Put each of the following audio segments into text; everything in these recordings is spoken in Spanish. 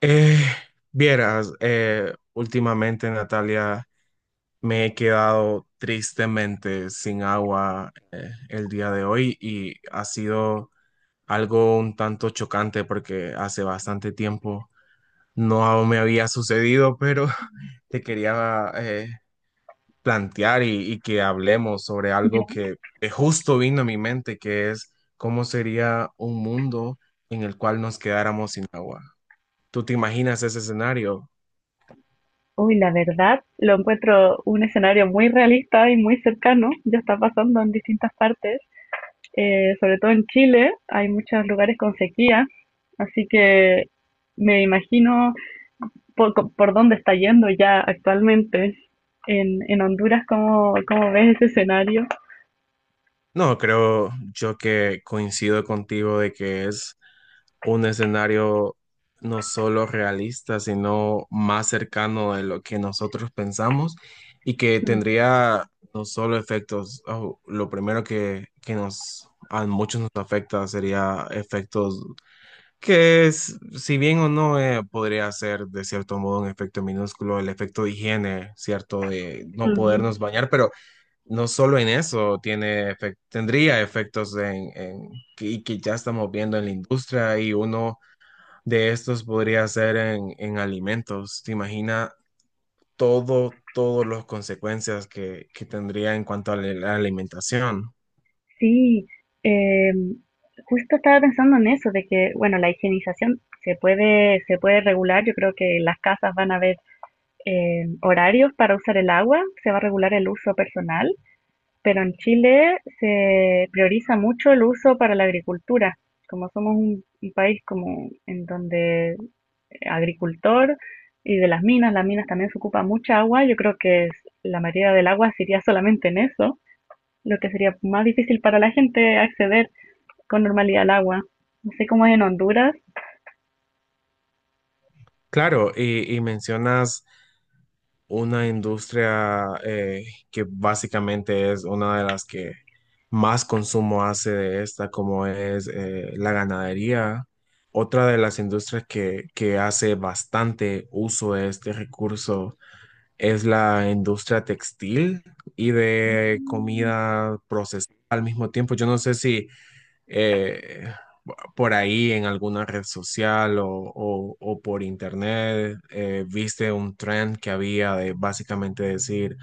Eh, vieras, últimamente Natalia, me he quedado tristemente sin agua el día de hoy y ha sido algo un tanto chocante porque hace bastante tiempo no me había sucedido, pero te quería plantear y que hablemos sobre Ya. algo que justo vino a mi mente, que es cómo sería un mundo en el cual nos quedáramos sin agua. ¿Tú te imaginas ese escenario? Uy, la verdad, lo encuentro un escenario muy realista y muy cercano. Ya está pasando en distintas partes, sobre todo en Chile. Hay muchos lugares con sequía, así que me imagino por dónde está yendo ya actualmente. En Honduras, ¿cómo, cómo ves ese escenario? No, creo yo que coincido contigo de que es un escenario no solo realista, sino más cercano de lo que nosotros pensamos y que Ujú, tendría no solo efectos. Oh, lo primero que nos a muchos nos afecta sería efectos que es, si bien o no podría ser de cierto modo un efecto minúsculo, el efecto de higiene, cierto, de no ujú. podernos bañar. Pero no solo en eso tiene tendría efectos en, que ya estamos viendo en la industria, y uno de estos podría ser en alimentos. ¿Te imaginas todo, todas las consecuencias que tendría en cuanto a la alimentación? Sí, eh, justo estaba pensando en eso, de que, bueno, la higienización se puede regular. Yo creo que las casas van a ver horarios para usar el agua, se va a regular el uso personal, pero en Chile se prioriza mucho el uso para la agricultura. Como somos un país como en donde agricultor y de las minas también se ocupa mucha agua, yo creo que la mayoría del agua se iría solamente en eso, lo que sería más difícil para la gente acceder con normalidad al agua. No sé cómo es en Honduras. Claro, y mencionas una industria que básicamente es una de las que más consumo hace de esta, como es la ganadería. Otra de las industrias que hace bastante uso de este recurso es la industria textil y de comida procesada al mismo tiempo. Yo no sé si eh, por ahí en alguna red social o por internet, viste un trend que había de básicamente decir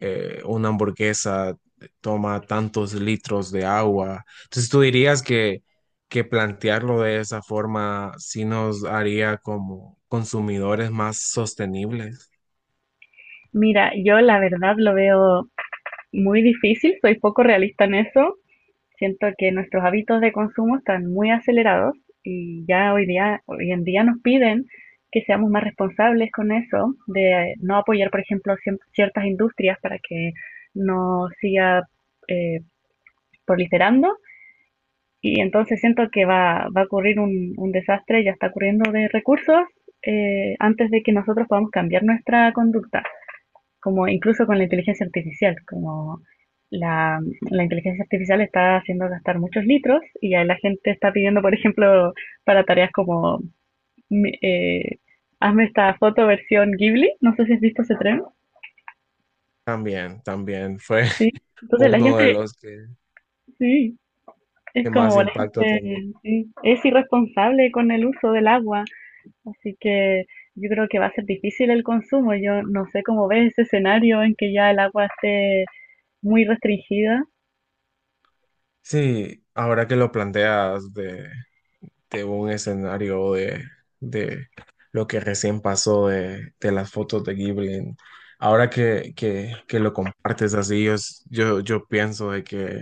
una hamburguesa toma tantos litros de agua. Entonces tú dirías que plantearlo de esa forma sí nos haría como consumidores más sostenibles. Mira, yo la verdad lo veo muy difícil, soy poco realista en eso. Siento que nuestros hábitos de consumo están muy acelerados y ya hoy día, hoy en día nos piden que seamos más responsables con eso, de no apoyar, por ejemplo, ciertas industrias para que no siga eh, proliferando. Y entonces siento que va a ocurrir un desastre, ya está ocurriendo de recursos, antes de que nosotros podamos cambiar nuestra conducta como incluso con la inteligencia artificial, como la, la inteligencia artificial está haciendo gastar muchos litros y ya la gente está pidiendo, por ejemplo, para tareas como mi- eh, hazme esta foto versión Ghibli, no sé si has visto ese tren, También, también fue sí. Entonces la uno de gente, los sí, es que más como la impacto tenía. gente sí, es irresponsable con el uso del agua, así que yo creo que va a ser difícil el consumo. Yo no sé cómo ves ese escenario en que ya el agua esté muy restringida. Sí, ahora que lo planteas de un escenario de lo que recién pasó de las fotos de Ghibli. Ahora que lo compartes así, yo, yo, yo pienso de que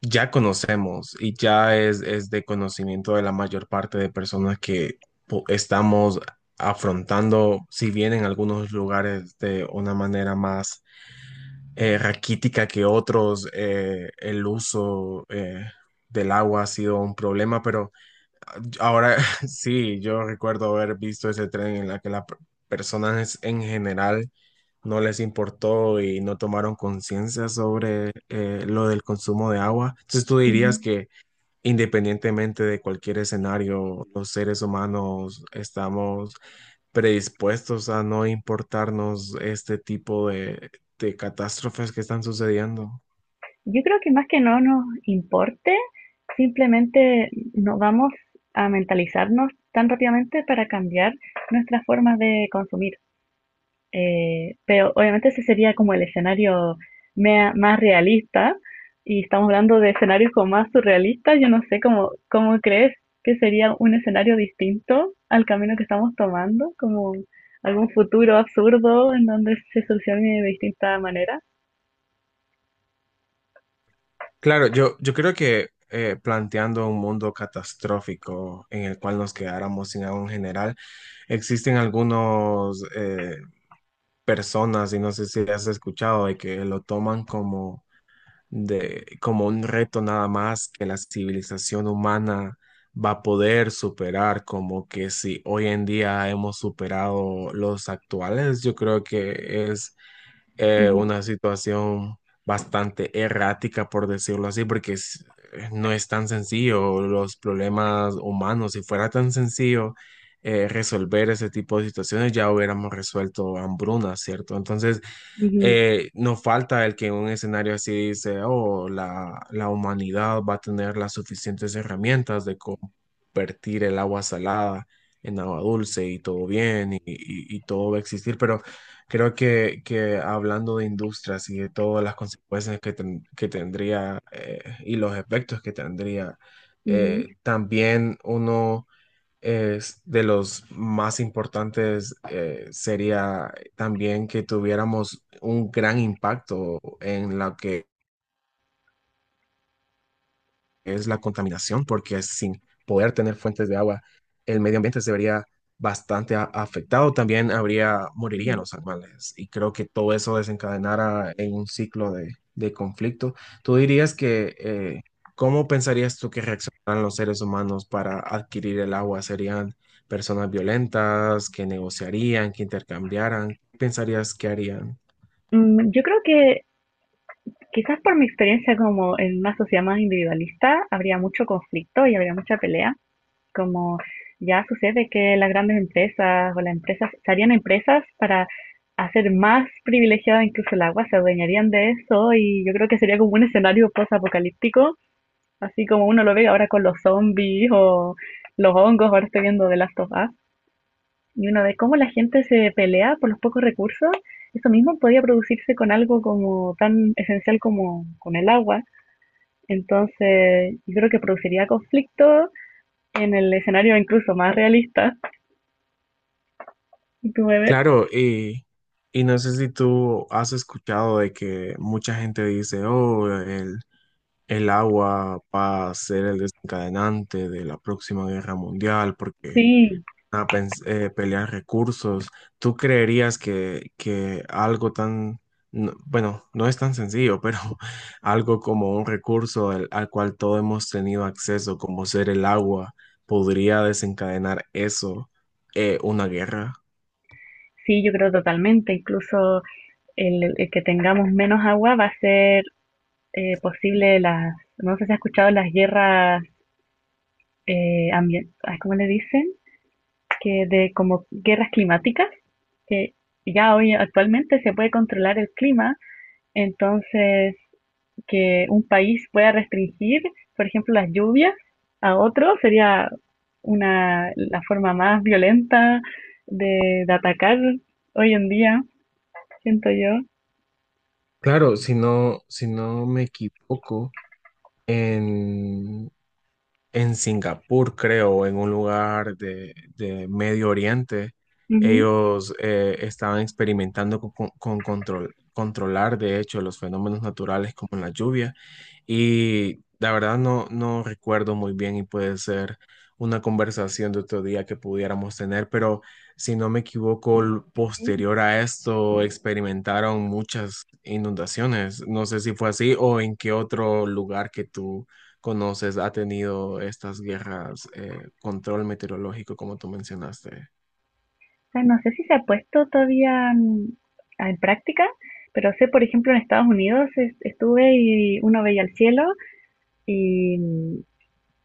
ya conocemos y ya es de conocimiento de la mayor parte de personas que estamos afrontando, si bien en algunos lugares de una manera más raquítica que otros, el uso del agua ha sido un problema. Pero ahora sí, yo recuerdo haber visto ese tren en la que las personas en general no les importó y no tomaron conciencia sobre lo del consumo de agua. Entonces tú dirías que independientemente de cualquier escenario, los seres humanos estamos predispuestos a no importarnos este tipo de catástrofes que están sucediendo. Yo creo que más que no nos importe, simplemente no vamos a mentalizarnos tan rápidamente para cambiar nuestras formas de consumir. Pero obviamente ese sería como el escenario más realista y estamos hablando de escenarios como más surrealistas. Yo no sé cómo, cómo crees que sería un escenario distinto al camino que estamos tomando, como algún futuro absurdo en donde se solucione de distinta manera. Claro, yo creo que planteando un mundo catastrófico en el cual nos quedáramos sin agua en general, existen algunos personas, y no sé si has escuchado, de que lo toman como, de, como un reto nada más que la civilización humana va a poder superar, como que si hoy en día hemos superado los actuales. Yo creo que es Ujú, una situación bastante errática, por decirlo así, no es tan sencillo los problemas humanos. Si fuera tan sencillo resolver ese tipo de situaciones, ya hubiéramos resuelto hambrunas, ¿cierto? Entonces, ujú, nos falta el que en un escenario así dice, oh, la humanidad va a tener las suficientes herramientas de convertir el agua salada en agua dulce y todo bien y todo va a existir. Pero creo que hablando de industrias y de todas las consecuencias que, que tendría y los efectos que tendría, también uno es de los más importantes sería también que tuviéramos un gran impacto en lo que es la contaminación, porque sin poder tener fuentes de agua, el medio ambiente se vería bastante afectado. También habría, morirían ujú. los animales. Y creo que todo eso desencadenara en un ciclo de conflicto. ¿Tú dirías que, cómo pensarías tú que reaccionaran los seres humanos para adquirir el agua? ¿Serían personas violentas que negociarían, que intercambiaran? ¿Qué pensarías que harían? Mm, yo creo que quizás por mi experiencia como en una sociedad más individualista habría mucho conflicto y habría mucha pelea, como ya sucede que las grandes empresas o las empresas se harían empresas para hacer más privilegiada incluso el agua, se adueñarían de eso y yo creo que sería como un escenario post-apocalíptico, así como uno lo ve ahora con los zombies o los hongos, ahora estoy viendo The Last of Us. Y uno ve cómo la gente se pelea por los pocos recursos. Eso mismo podía producirse con algo como tan esencial como con el agua. Entonces, yo creo que produciría conflicto en el escenario incluso más realista. ¿Y ¿tú me ves? Claro, y no sé si tú has escuchado de que mucha gente dice, oh, el agua va a ser el desencadenante de la próxima guerra mundial porque Sí, van a pelear recursos. ¿Tú creerías que algo tan, no- bueno, no es tan sencillo, pero algo como un recurso al cual todos hemos tenido acceso, como ser el agua, podría desencadenar eso, una guerra? sí, yo creo totalmente. Incluso el que tengamos menos agua va a ser posible las, no sé si has escuchado las guerras ambientales, ¿cómo le dicen? Que de como guerras climáticas, que ya hoy actualmente se puede controlar el clima, entonces que un país pueda restringir, por ejemplo, las lluvias a otro sería una, la forma más violenta de atacar hoy en día, siento yo. Claro, si no, si no me equivoco, en, en Singapur, creo, en un lugar de Medio Oriente, Ujú. ellos estaban experimentando con, con control, controlar, de hecho, los fenómenos naturales como la lluvia. Y la verdad no, no recuerdo muy bien y puede ser una conversación de otro día que pudiéramos tener, pero si no me equivoco, Ujú. posterior a esto experimentaron muchas inundaciones. No sé si fue así o en qué otro lugar que tú conoces ha tenido estas guerras, control meteorológico como tú mencionaste. O sea, no sé si se ha puesto todavía en práctica, pero sé, por ejemplo, en Estados Unidos estuve y uno veía el cielo y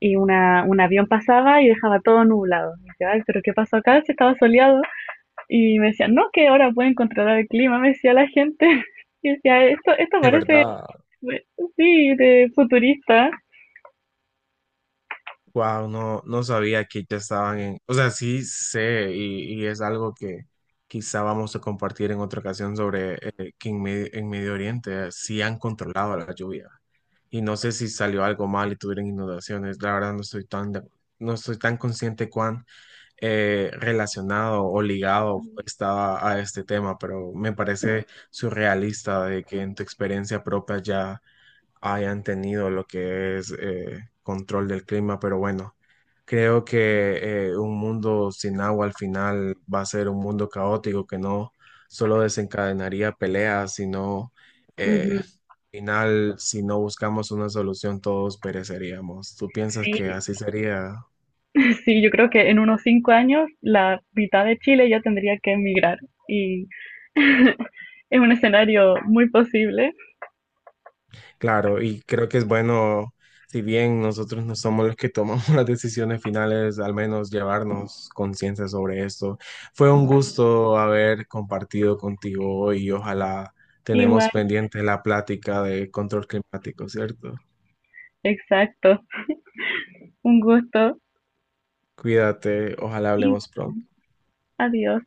y una, un avión pasaba y dejaba todo nublado. Y decía, ay, pero ¿qué pasó acá? Si estaba soleado. Y me decían, no, que ahora pueden controlar el clima, me decía la gente. Y decía, esto De parece, verdad. sí, de futurista. Wow, no, no sabía que ya estaban en, o sea, sí sé y es algo que quizá vamos a compartir en otra ocasión sobre que en, en Medio Oriente sí han controlado la lluvia y no sé si salió algo mal y tuvieron inundaciones. La verdad no estoy tan, de- no estoy tan consciente cuán relacionado o ligado estaba a este tema, pero me parece surrealista de que en tu experiencia propia ya hayan tenido lo que es control del clima, pero bueno. Creo que un mundo sin agua al final va a ser un mundo caótico que no solo desencadenaría peleas, sino Ujú. al final, si no buscamos una solución, todos pereceríamos. ¿Tú piensas que Sí, así sería? sí, yo creo que en unos 5 años la mitad de Chile ya tendría que emigrar y es un escenario muy posible. Claro, y creo que es bueno, si bien nosotros no somos los que tomamos las decisiones finales, al menos llevarnos conciencia sobre esto. Fue un gusto haber compartido contigo hoy y ojalá tenemos Igual, pendiente la plática de control climático, ¿cierto? exacto. Un gusto. Cuídate, ojalá hablemos Igual, pronto. adiós.